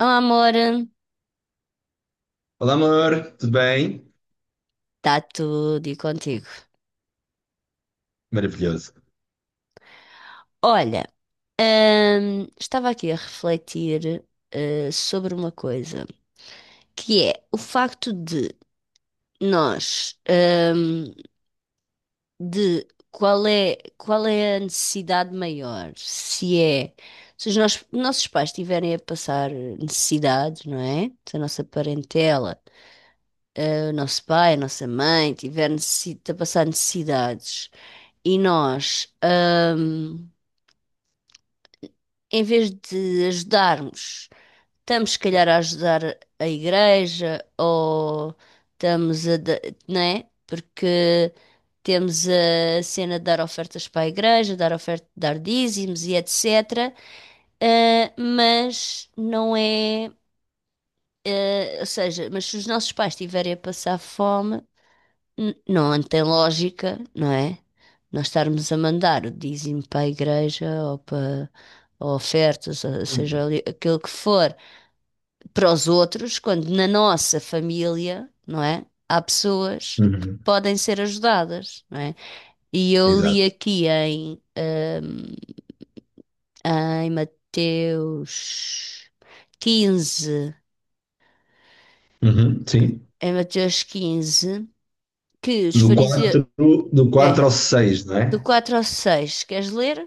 Oh, Amor, está Olá, amor, tudo bem? tudo e contigo. Maravilhoso. Olha, estava aqui a refletir, sobre uma coisa, que é o facto de nós, de qual é a necessidade maior? Se é, se os nossos pais estiverem a passar necessidade, não é? Se a nossa parentela, o nosso pai, a nossa mãe tiver a passar necessidades e nós. hum, Em vez de ajudarmos, estamos se calhar a ajudar a igreja ou estamos a. Não é? Porque temos a cena de dar ofertas para a igreja, dar oferta, dar dízimos e etc. Mas não é, ou seja, mas se os nossos pais estiverem a passar fome, N- não tem lógica, não é? Nós estarmos a mandar o dízimo para a igreja ou para ou ofertas, ou seja Hum. ali, aquilo que for, para os outros, quando na nossa família, não é? Há pessoas que Uhum. podem ser ajudadas, não é? E eu Exato. li aqui em, em Mateus 15, Uhum, sim. em Mateus quinze, que os No fariseus. 4, do quatro É, ao 6, não do é? 4 ao 6 queres ler?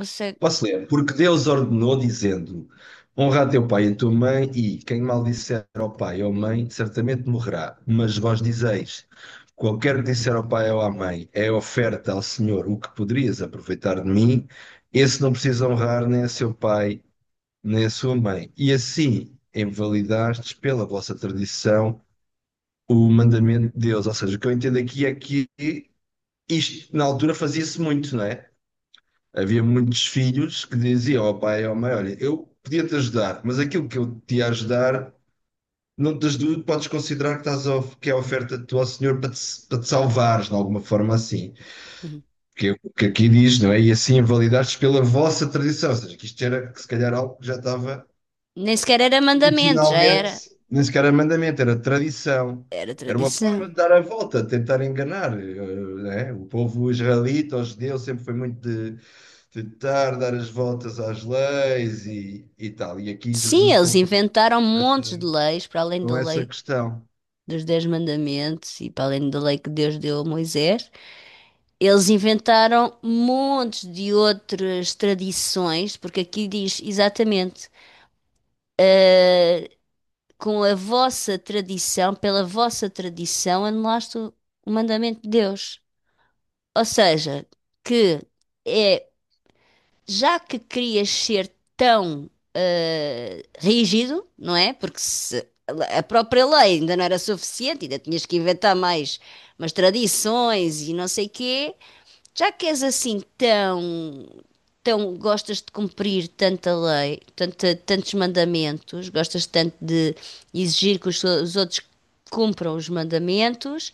Ou Posso ler? Porque Deus ordenou, dizendo: Honra a teu pai e a tua mãe, e quem maldisser ao pai ou à mãe, certamente morrerá. Mas vós dizeis: Qualquer que disser ao pai ou à mãe, é oferta ao Senhor o que poderias aproveitar de mim, esse não precisa honrar nem a seu pai, nem a sua mãe. E assim invalidastes pela vossa tradição o mandamento de Deus. Ou seja, o que eu entendo aqui é que isto na altura fazia-se muito, não é? Havia muitos filhos que diziam ao pai e ao mãe: Olha, eu podia-te ajudar, mas aquilo que eu te ia ajudar, não te ajudo, podes considerar que é a oferta do teu Senhor para te salvares, de alguma forma assim. Que é o que aqui diz, não é? E assim invalidaste pela vossa tradição. Ou seja, que isto era, que se calhar, algo que já estava nem sequer era mandamento, já originalmente, era. nem sequer era mandamento, era tradição. Era Era uma forma tradição. de dar a volta, de tentar enganar. Né? O povo israelita, os judeus, sempre foi muito de tentar dar as voltas às leis e tal. E aqui Sim, Jesus eles confronta inventaram com essa, montes de leis, para além da com essa lei questão. dos Dez Mandamentos e para além da lei que Deus deu a Moisés. Eles inventaram montes de outras tradições, porque aqui diz exatamente, eh, com a vossa tradição, pela vossa tradição, anulaste o mandamento de Deus. Ou seja, que é já que querias ser tão rígido, não é? Porque se a própria lei ainda não era suficiente, ainda tinhas que inventar mais umas tradições e não sei quê, já que és assim tão, tão gostas de cumprir tanta lei, tanta, tantos mandamentos, gostas tanto de exigir que os outros cumpram os mandamentos,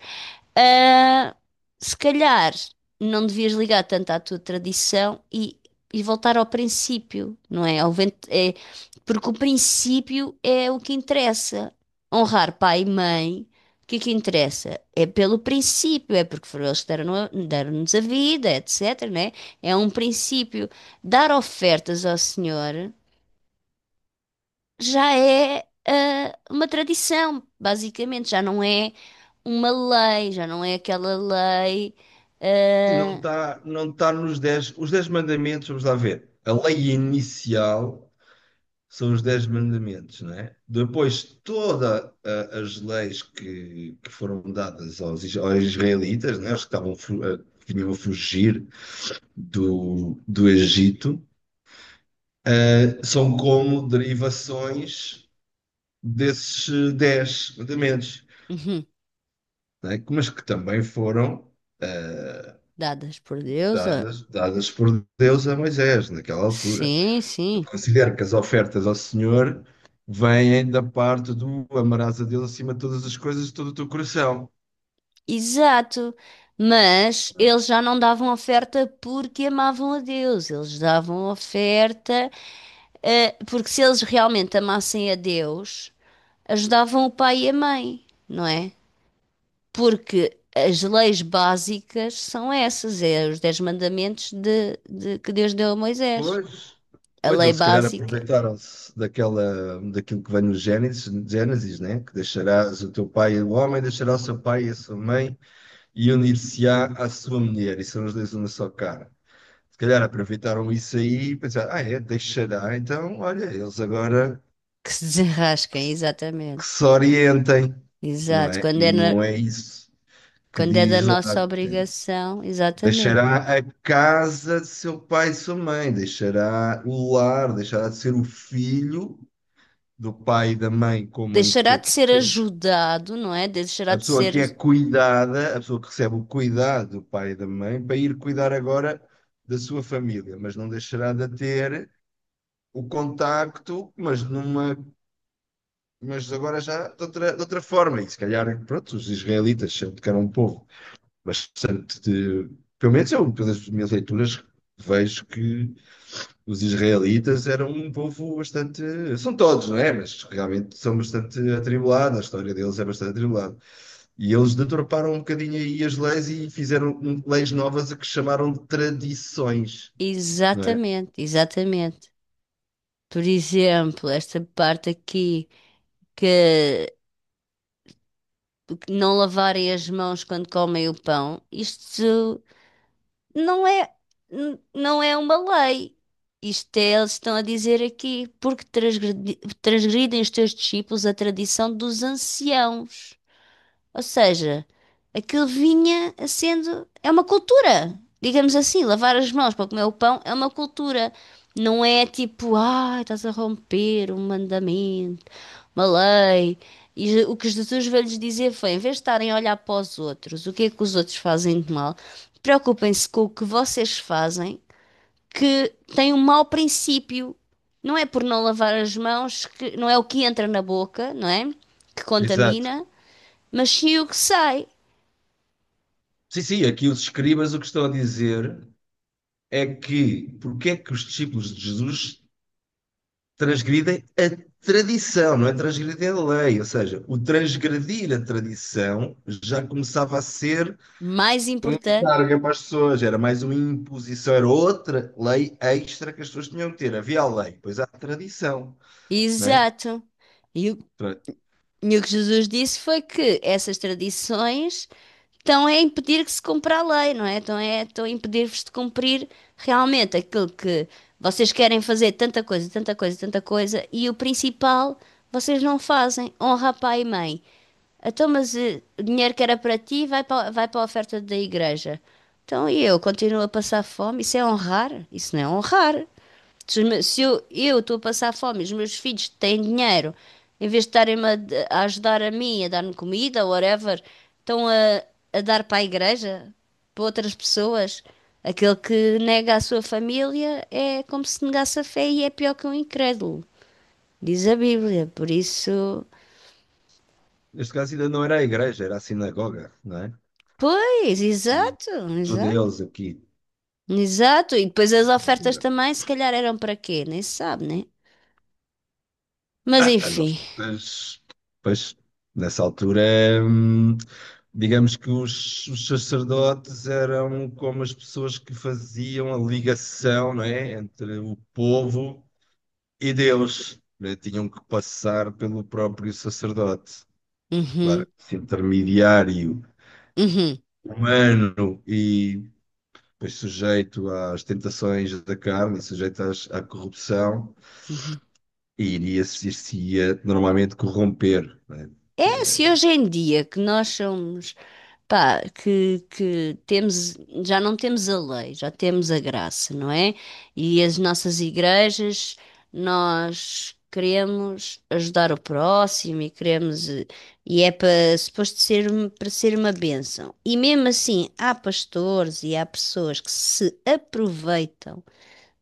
ah, se calhar não devias ligar tanto à tua tradição e voltar ao princípio, não é? Ao vento, é? Porque o princípio é o que interessa. Honrar pai e mãe, o que é que interessa? É pelo princípio, é porque foram eles que deram-nos a vida, etc, né? É um princípio. Dar ofertas ao Senhor já é ah, uma tradição, basicamente, já não é uma lei, já não é aquela lei E não ah, está não está os dez mandamentos, vamos lá ver. A lei inicial são os dez mandamentos, não é? Depois, todas as leis que foram dadas aos israelitas, não é? Os que estavam, eh, que vinham a fugir do Egito, são como derivações desses dez mandamentos, uhum, não é? Mas que também foram eh, dadas por Deus. Ah, dadas por Deus a Moisés, naquela altura. sim, Eu sim, considero que as ofertas ao Senhor vêm da parte do amarás a Deus acima de todas as coisas, de todo o teu coração. exato. Mas eles já não davam oferta porque amavam a Deus, eles davam oferta ah, porque se eles realmente amassem a Deus, ajudavam o pai e a mãe, não é? Porque as leis básicas são essas, é os dez mandamentos que Deus deu a Moisés. Pois, A pois lei eles se calhar básica aproveitaram-se daquilo que vem no Gênesis, né? Que deixarás o teu pai, o homem deixará o seu pai e a sua mãe e unir-se-á à sua mulher, e são os dois uma só cara. Se calhar aproveitaram isso aí e pensaram, ah é, deixará, então olha, eles agora que se desenrasquem, que exatamente. se orientem, não Exato. é? Quando E é, na- não é isso que quando é da diz lá nossa que obrigação, exatamente. deixará a casa de seu pai e sua mãe, deixará o lar, deixará de ser o filho do pai e da mãe, como em Deixará de que- ser ajudado, não é? a Deixará de pessoa que ser. é cuidada, a pessoa que recebe o cuidado do pai e da mãe, para ir cuidar agora da sua família, mas não deixará de ter o contacto, mas agora já de outra forma, e se calhar, pronto, os israelitas sempre que eram um povo bastante pelo menos eu, pelas minhas leituras, vejo que os israelitas eram um povo bastante, são todos, não é? Mas realmente são bastante atribulados, a história deles é bastante atribulada. E eles deturparam um bocadinho aí as leis e fizeram leis novas a que chamaram de tradições, não é? Exatamente, exatamente. Por exemplo, esta parte aqui que não lavarem as mãos quando comem o pão, isto não é, não é uma lei. Isto é, eles estão a dizer aqui, porque transgridem os teus discípulos a tradição dos anciãos. Ou seja, aquilo vinha a sendo, é uma cultura. Digamos assim, lavar as mãos para comer o pão é uma cultura. Não é tipo, ah, estás a romper um mandamento. Malei. E o que Jesus veio lhes dizer foi: em vez de estarem a olhar para os outros, o que é que os outros fazem de mal, preocupem-se com o que vocês fazem, que tem um mau princípio. Não é por não lavar as mãos, que não é o que entra na boca, não é? Que Exato. contamina, mas sim o que sai. Sim, sim, aqui os escribas o que estão a dizer é que porque é que os discípulos de Jesus transgridem a tradição, não é transgredir a lei. Ou seja, o transgredir a tradição já começava a ser Mais um importante. encargo para as pessoas, era mais uma imposição, era outra lei extra que as pessoas tinham que ter. Havia a lei, pois há a tradição, não é? Exato. E o, e o que Jesus disse foi que essas tradições estão a impedir que se cumpra a lei, não é? Estão a impedir-vos de cumprir realmente aquilo que vocês querem fazer, tanta coisa, tanta coisa, tanta coisa, e o principal vocês não fazem. Honra a pai e mãe. Então, mas eh, o dinheiro que era para ti vai para, vai para a oferta da igreja. Então, e eu continuo a passar fome? Isso é honrar? Isso não é honrar. Se, se eu estou a passar fome, e os meus filhos têm dinheiro, em vez de estarem-me a ajudar a mim, a dar-me comida, whatever, estão a dar para a igreja, para outras pessoas. Aquele que nega a sua família é como se negasse a fé e é pior que um incrédulo, diz a Bíblia. Por isso, Neste caso ainda não era a igreja, era a sinagoga, não é? pois, exato, exato. Judeus aqui. Exato, e depois as ofertas também, se calhar eram para quê? Nem se sabe, né? Mas Ah, as enfim. ofertas, pois, nessa altura, hum, digamos que os sacerdotes eram como as pessoas que faziam a ligação, não é, entre o povo e Deus, né? Tinham que passar pelo próprio sacerdote. Uhum, Claro, esse intermediário uhum, humano e pois, sujeito às tentações da carne, sujeito à corrupção, uhum. e iria normalmente corromper, não é? É, se hoje em dia que nós somos, pá, que temos, já não temos a lei, já temos a graça, não é? E as nossas igrejas, nós queremos ajudar o próximo e queremos, eh, e é para, suposto ser, para ser uma bênção. E mesmo assim, há pastores e há pessoas que se aproveitam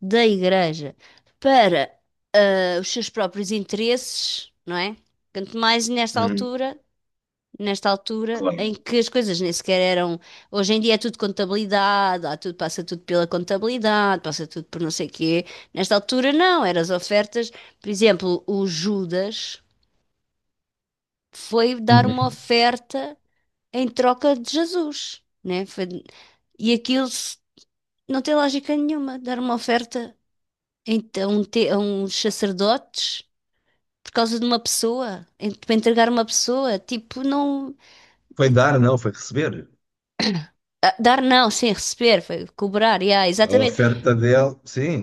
da igreja para, eh, os seus próprios interesses, não é? Quanto mais Hum, nesta altura em claro. que as coisas nem sequer eram. Hoje em dia é tudo contabilidade, há tudo, passa tudo pela contabilidade, passa tudo por não sei quê. Nesta altura não, eram as ofertas. Por exemplo, o Judas foi dar uma Uhum. oferta em troca de Jesus, né? E aquilo não tem lógica nenhuma, dar uma oferta a uns sacerdotes. Por causa de uma pessoa, para entregar uma pessoa, tipo, não. Foi dar, não, foi receber. Ah, dar não, sem receber, foi cobrar, yeah, A exatamente. oferta dele, sim,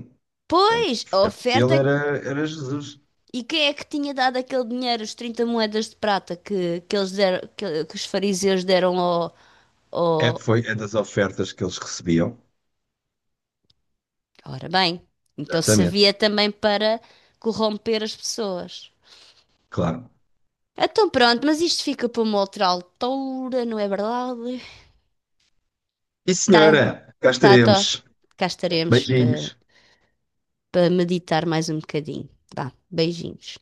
Pois, a a oferta oferta, dele era Jesus. e quem é que tinha dado aquele dinheiro, os 30 moedas de prata que, que eles deram, que os fariseus deram ao, É, ao... foi é das ofertas que eles recebiam. Ora bem, então Exatamente, servia também para corromper as pessoas. claro. Então pronto, mas isto fica para uma outra altura, não é verdade? E Tá, senhora, cá tá, tá. estaremos. Cá estaremos para Beijinhos. Meditar mais um bocadinho. Vá, beijinhos.